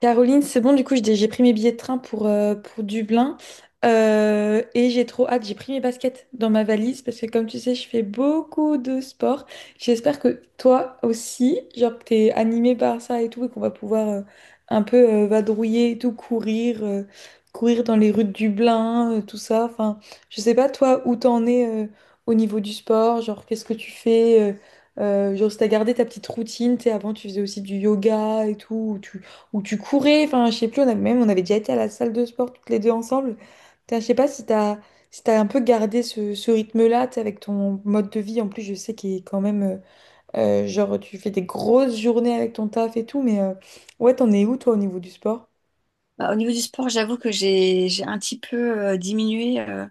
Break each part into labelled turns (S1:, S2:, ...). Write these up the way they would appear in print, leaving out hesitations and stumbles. S1: Caroline, c'est bon, du coup, j'ai pris mes billets de train pour Dublin. Et j'ai trop hâte. J'ai pris mes baskets dans ma valise parce que, comme tu sais, je fais beaucoup de sport. J'espère que toi aussi, genre, que t'es animé par ça et tout et qu'on va pouvoir un peu vadrouiller et tout, courir dans les rues de Dublin, tout ça. Enfin, je sais pas, toi, où t'en es au niveau du sport, genre, qu'est-ce que tu fais genre, si t'as gardé ta petite routine, tu sais, avant tu faisais aussi du yoga et tout, ou tu, où tu courais, enfin, je sais plus, même on avait déjà été à la salle de sport toutes les deux ensemble. Putain, je sais pas si t'as un peu gardé ce rythme-là, tu sais, avec ton mode de vie. En plus, je sais qu'il est quand même, genre, tu fais des grosses journées avec ton taf et tout, mais ouais, t'en es où, toi, au niveau du sport?
S2: Bah, au niveau du sport, j'avoue que j'ai un petit peu diminué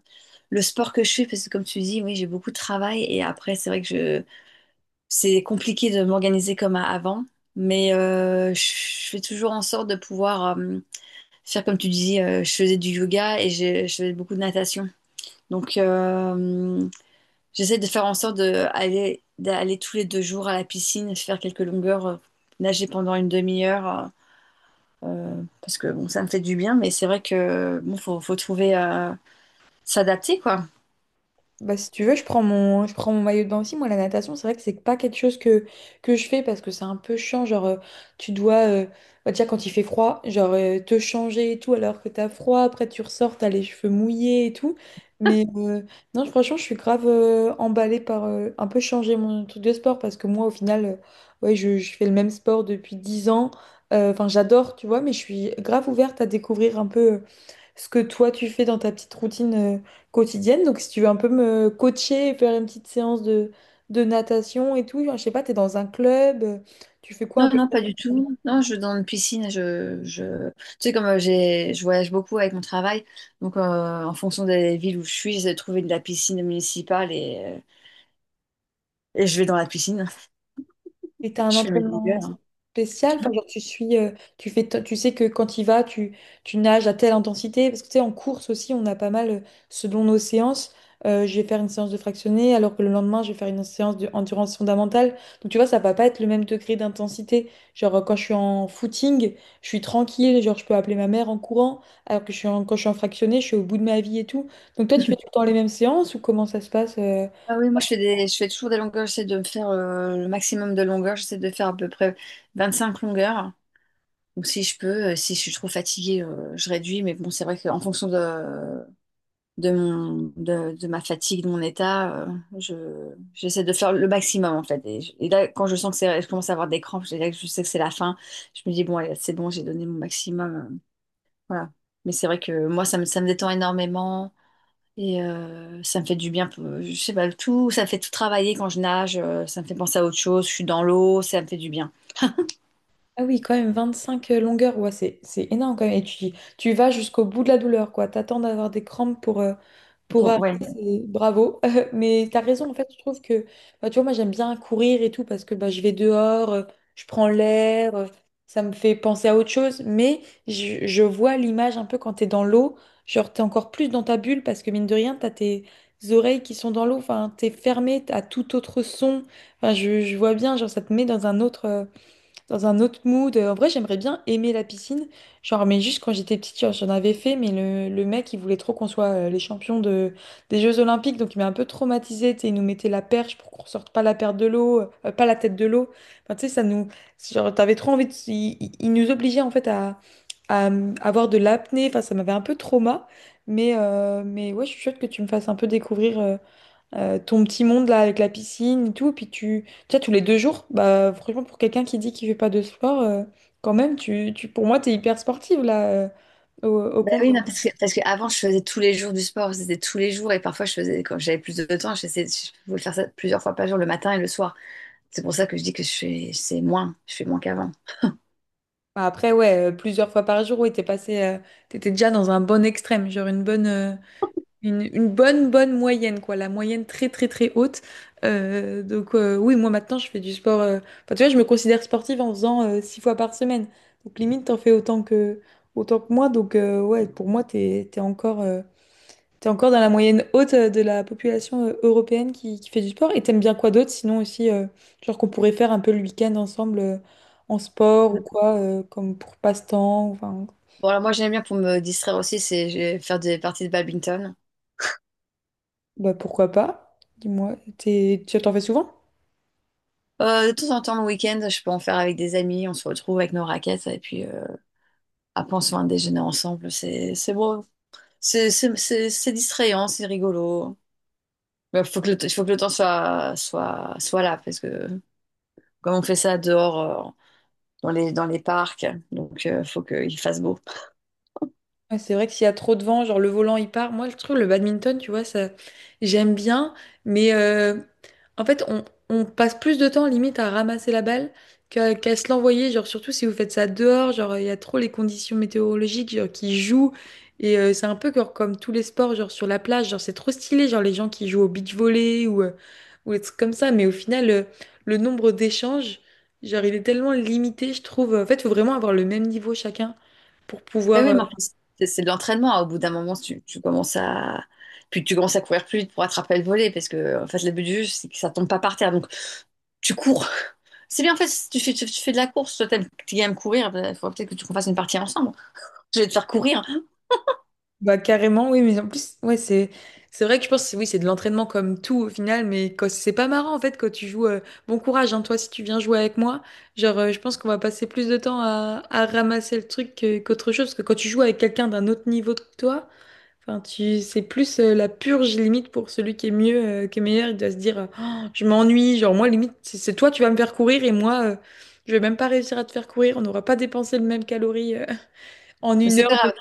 S2: le sport que je fais parce que comme tu dis, oui, j'ai beaucoup de travail et après c'est vrai que je c'est compliqué de m'organiser comme avant, mais je fais toujours en sorte de pouvoir faire comme tu dis, je faisais du yoga et je faisais beaucoup de natation. Donc euh, J'essaie de faire en sorte d'aller tous les deux jours à la piscine, faire quelques longueurs, nager pendant une demi-heure. Parce que bon, ça me fait du bien, mais c'est vrai que bon, faut trouver à s'adapter, quoi.
S1: Bah, si tu veux, je prends mon maillot de bain aussi. Moi, la natation, c'est vrai que c'est pas quelque chose que je fais parce que c'est un peu chiant. Genre, tu dois, bah, déjà quand il fait froid, genre te changer et tout alors que t'as froid. Après, tu ressors, t'as les cheveux mouillés et tout. Mais non, franchement, je suis grave emballée par un peu changer mon truc de sport parce que moi, au final, ouais, je fais le même sport depuis 10 ans. Enfin, j'adore, tu vois, mais je suis grave ouverte à découvrir un peu ce que toi, tu fais dans ta petite routine quotidienne. Donc, si tu veux un peu me coacher et faire une petite séance de natation et tout, je sais pas, tu es dans un club, tu fais quoi un
S2: Non,
S1: peu?
S2: non, pas du tout. Non, je dans une piscine, je... Tu sais, comme j'ai, je voyage beaucoup avec mon travail, donc en fonction des villes où je suis, j'ai trouvé de la piscine municipale et je vais dans la piscine.
S1: Et t'as un
S2: Je fais mes
S1: entraînement
S2: longueurs.
S1: spécial, enfin,
S2: Hein.
S1: genre tu suis, tu fais, tu sais que quand il va, tu nages à telle intensité, parce que tu sais, en course aussi, on a pas mal, selon nos séances, je vais faire une séance de fractionné, alors que le lendemain, je vais faire une séance de endurance fondamentale. Donc tu vois, ça va pas être le même degré d'intensité. Genre, quand je suis en footing, je suis tranquille, genre je peux appeler ma mère en courant, alors que quand je suis en fractionné, je suis au bout de ma vie et tout. Donc toi, tu fais tout le temps les mêmes séances ou comment ça se passe?
S2: Ah oui, moi je fais des, je fais toujours des longueurs, j'essaie de me faire le maximum de longueurs, j'essaie de faire à peu près 25 longueurs. Donc si je peux, si je suis trop fatiguée, je réduis, mais bon, c'est vrai qu'en fonction de ma fatigue, de mon état. J'essaie de faire le maximum, en fait. Et, et là, quand je sens que c'est, je commence à avoir des crampes, là, je sais que c'est la fin. Je me dis, bon, allez, c'est bon, j'ai donné mon maximum. Voilà. Mais c'est vrai que moi, ça me détend énormément. Et ça me fait du bien, je sais pas, tout, ça me fait tout travailler quand je nage, ça me fait penser à autre chose, je suis dans l'eau, ça me fait du bien.
S1: Ah oui, quand même, 25 longueurs, ouais, c'est énorme quand même. Et tu vas jusqu'au bout de la douleur, quoi. T'attends d'avoir des crampes pour
S2: Pour-
S1: arrêter,
S2: ouais,
S1: c'est bravo. Mais t'as raison, en fait, je trouve que, bah, tu vois, moi j'aime bien courir et tout parce que bah, je vais dehors, je prends l'air, ça me fait penser à autre chose. Mais je vois l'image un peu quand t'es dans l'eau, genre t'es encore plus dans ta bulle parce que mine de rien, t'as tes oreilles qui sont dans l'eau, enfin, t'es fermé à tout autre son. Enfin, je vois bien, genre ça te met dans un autre dans un autre mood. En vrai, j'aimerais bien aimer la piscine. Genre, mais juste quand j'étais petite, genre, j'en avais fait, mais le mec, il voulait trop qu'on soit les champions des Jeux Olympiques, donc il m'a un peu traumatisée. Tu sais, il nous mettait la perche pour qu'on sorte pas la perte de l'eau, pas la tête de l'eau. Enfin, tu sais, ça nous. Genre, t'avais trop envie de. Il nous obligeait, en fait, à avoir de l'apnée. Enfin, ça m'avait un peu trauma. Mais ouais, je suis chouette que tu me fasses un peu découvrir, ton petit monde là avec la piscine et tout, puis tu sais, tous les 2 jours, bah franchement pour quelqu'un qui dit qu'il fait pas de sport, quand même, pour moi t'es hyper sportive là, au
S2: Ben oui,
S1: contraire.
S2: non, parce que avant, je faisais tous les jours du sport, c'était tous les jours, et parfois, quand j'avais plus de temps, je pouvais faire ça plusieurs fois par jour, le matin et le soir. C'est pour ça que je dis que c'est moins, je fais moins qu'avant.
S1: Bah, après ouais, plusieurs fois par jour, ouais t'étais déjà dans un bon extrême, genre une bonne, une bonne bonne moyenne quoi, la moyenne très très très haute. Donc, oui, moi maintenant je fais du sport, enfin, tu vois, je me considère sportive en faisant 6 fois par semaine. Donc limite t'en fais autant que moi, donc ouais, pour moi t'es encore dans la moyenne haute de la population européenne qui fait du sport. Et t'aimes bien quoi d'autre? Sinon aussi, genre qu'on pourrait faire un peu le week-end ensemble en sport ou quoi, comme pour passe-temps. Enfin,
S2: Bon, alors moi, j'aime bien pour me distraire aussi, c'est je vais faire des parties de badminton.
S1: bah pourquoi pas? Dis-moi, tu t'en fais souvent?
S2: De temps en temps, le week-end, je peux en faire avec des amis, on se retrouve avec nos raquettes, et puis après, on se fait un déjeuner ensemble, c'est beau. C'est distrayant, c'est rigolo. Il faut que faut que le temps soit là, parce que comme on fait ça dehors, dans dans les parcs. Donc, il faut qu'il fasse beau.
S1: Ouais, c'est vrai que s'il y a trop de vent, genre le volant il part. Moi, je trouve le badminton, tu vois, ça j'aime bien, mais en fait, on passe plus de temps limite à ramasser la balle qu'à se l'envoyer. Genre, surtout si vous faites ça dehors, genre il y a trop les conditions météorologiques genre, qui jouent. Et c'est un peu genre comme tous les sports, genre sur la plage, genre c'est trop stylé, genre les gens qui jouent au beach volley ou des trucs comme ça. Mais au final, le nombre d'échanges, genre il est tellement limité, je trouve. En fait, il faut vraiment avoir le même niveau chacun pour
S2: Mais oui,
S1: pouvoir.
S2: mais en plus, c'est de l'entraînement. Hein. Au bout d'un moment, tu commences à... Puis tu commences à courir plus vite pour attraper le volet parce que en fait le but du jeu c'est que ça tombe pas par terre donc tu cours. C'est bien en fait si tu fais tu, tu fais de la course toi t'aimes tu courir bah, il faudrait peut-être que tu qu'on fasse une partie ensemble. Je vais te faire courir
S1: Bah carrément, oui, mais en plus, ouais, c'est vrai que je pense, oui, c'est de l'entraînement comme tout au final, mais c'est pas marrant en fait quand tu joues. Bon courage, hein, toi, si tu viens jouer avec moi, genre, je pense qu'on va passer plus de temps à ramasser le truc qu'autre chose, parce que quand tu joues avec quelqu'un d'un autre niveau que toi, enfin, tu c'est plus la purge limite pour celui qui est mieux, qui est meilleur, il doit se dire, oh, je m'ennuie, genre moi limite, c'est toi, tu vas me faire courir et moi, je vais même pas réussir à te faire courir, on n'aura pas dépensé le même calorie en
S2: mais
S1: 1
S2: c'est pas
S1: heure de.
S2: grave.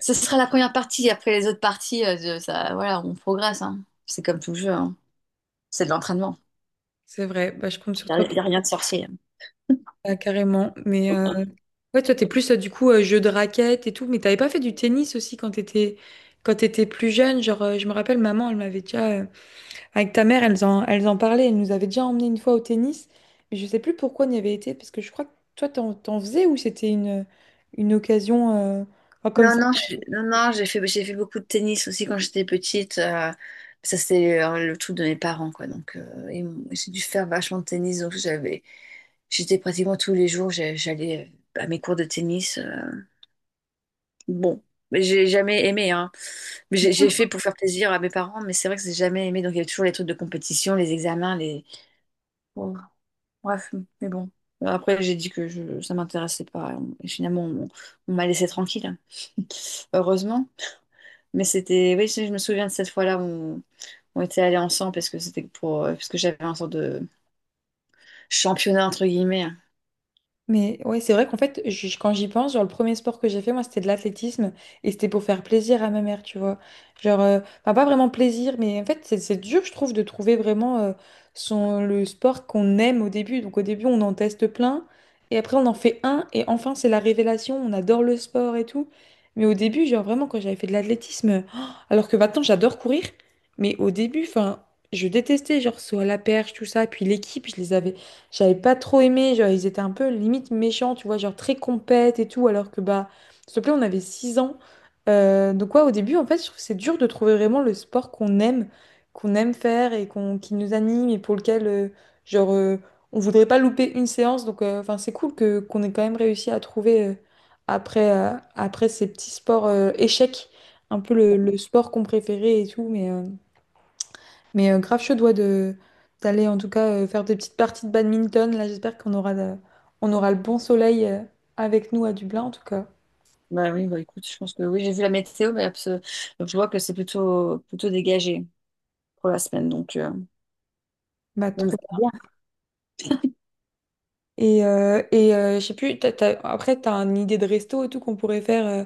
S2: Ce sera la première partie après les autres parties, ça voilà on progresse, hein. C'est comme tout jeu, hein. C'est de l'entraînement.
S1: C'est vrai, bah, je compte sur toi.
S2: Y a rien de sorcier.
S1: Ah, carrément. Mais ouais, toi, t'es plus du coup jeu de raquette et tout. Mais t'avais pas fait du tennis aussi quand t'étais plus jeune. Genre, je me rappelle, maman, elle m'avait déjà avec ta mère, elles en parlaient. Elle nous avait déjà emmené une fois au tennis. Mais je sais plus pourquoi on y avait été parce que je crois que toi, t'en faisais ou c'était une occasion enfin, comme.
S2: Non, non, non, non, j'ai fait beaucoup de tennis aussi quand j'étais petite. Ça, c'est le truc de mes parents, quoi. Donc, j'ai dû faire vachement de tennis. Donc, j'étais pratiquement tous les jours, j'allais à mes cours de tennis. Bon, mais j'ai jamais aimé, hein. Mais j'ai fait pour faire plaisir à mes parents, mais c'est vrai que j'ai jamais aimé. Donc, il y avait toujours les trucs de compétition, les examens, les. Bon, bref, mais bon. Après, j'ai dit que ça m'intéressait pas. Et finalement, on m'a laissé tranquille. Heureusement. Mais c'était, oui, je me souviens de cette fois-là on était allés ensemble parce que c'était pour, parce que j'avais un sorte de championnat entre guillemets.
S1: Mais ouais, c'est vrai qu'en fait, quand j'y pense, genre le premier sport que j'ai fait, moi, c'était de l'athlétisme et c'était pour faire plaisir à ma mère, tu vois. Genre, enfin, pas vraiment plaisir, mais en fait, c'est dur, je trouve, de trouver vraiment son, le sport qu'on aime au début. Donc, au début, on en teste plein et après, on en fait un et enfin, c'est la révélation, on adore le sport et tout. Mais au début, genre vraiment, quand j'avais fait de l'athlétisme, oh, alors que maintenant, j'adore courir, mais au début, enfin, je détestais, genre, saut à la perche, tout ça, puis l'équipe, je les avais j'avais pas trop aimé, genre ils étaient un peu limite méchants, tu vois, genre très compètes et tout, alors que bah, s'il te plaît, on avait 6 ans. Donc ouais, au début, en fait, je trouve que c'est dur de trouver vraiment le sport qu'on aime faire et qu'on, qui nous anime et pour lequel, genre, euh, on voudrait pas louper une séance. Donc, enfin, c'est cool que qu'on ait quand même réussi à trouver après, euh, après ces petits sports échecs, un peu le sport qu'on préférait et tout, grave chaud doigt de d'aller en tout cas faire des petites parties de badminton. Là, j'espère on aura le bon soleil avec nous à Dublin en tout cas.
S2: Bah oui, bah écoute, je pense que oui, j'ai vu la météo, mais donc je vois que c'est plutôt dégagé pour la semaine, donc
S1: Bah
S2: on
S1: trop
S2: verra
S1: bien.
S2: bien.
S1: Et, je sais plus, après t'as une idée de resto et tout qu'on pourrait faire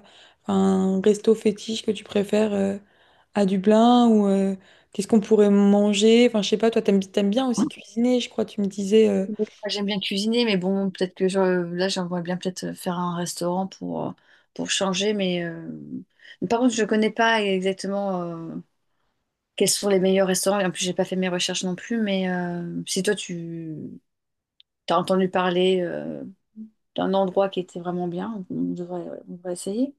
S1: un resto fétiche que tu préfères à Dublin ou qu'est-ce qu'on pourrait manger? Enfin je sais pas, toi t'aimes bien aussi cuisiner, je crois tu me disais.
S2: Moi, j'aime bien cuisiner, mais bon, là, j'aimerais bien peut-être faire un restaurant pour changer, mais par contre, je ne connais pas exactement. Quels sont les meilleurs restaurants? En plus, j'ai pas fait mes recherches non plus, mais si toi tu as entendu parler d'un endroit qui était vraiment bien, on devrait essayer.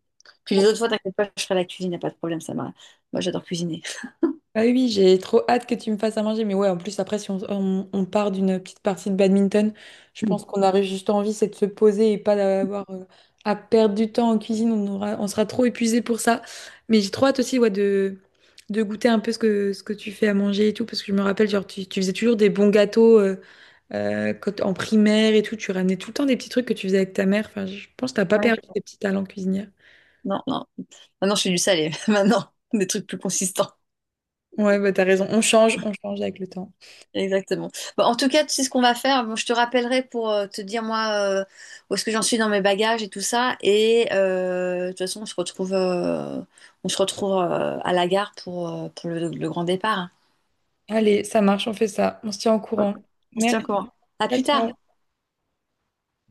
S2: Puis les autres fois, t'inquiète pas, je ferai la cuisine, y a pas de problème, ça m'a. Moi, j'adore cuisiner.
S1: Ah oui, oui, j'ai trop hâte que tu me fasses à manger. Mais ouais, en plus, après, si on part d'une petite partie de badminton, je
S2: Mm.
S1: pense qu'on aurait juste envie, c'est de se poser et pas d'avoir à perdre du temps en cuisine. On sera trop épuisé pour ça. Mais j'ai trop hâte aussi, ouais, de goûter un peu ce que tu fais à manger et tout. Parce que je me rappelle, genre, tu faisais toujours des bons gâteaux en primaire et tout. Tu ramenais tout le temps des petits trucs que tu faisais avec ta mère. Enfin, je pense que t'as pas
S2: Ouais.
S1: perdu tes petits talents cuisinières.
S2: Non, non. Maintenant, je fais du salé. Maintenant, des trucs plus consistants.
S1: Ouais, bah t'as raison. On change avec le temps.
S2: Exactement. Bon, en tout cas, tu sais ce qu'on va faire. Bon, je te rappellerai pour te dire moi où est-ce que j'en suis dans mes bagages et tout ça. Et de toute façon, on se retrouve à la gare pour le grand départ, hein.
S1: Allez, ça marche, on fait ça. On se tient au courant.
S2: On se tient
S1: Merci,
S2: au courant. À
S1: ciao,
S2: plus tard.
S1: ciao.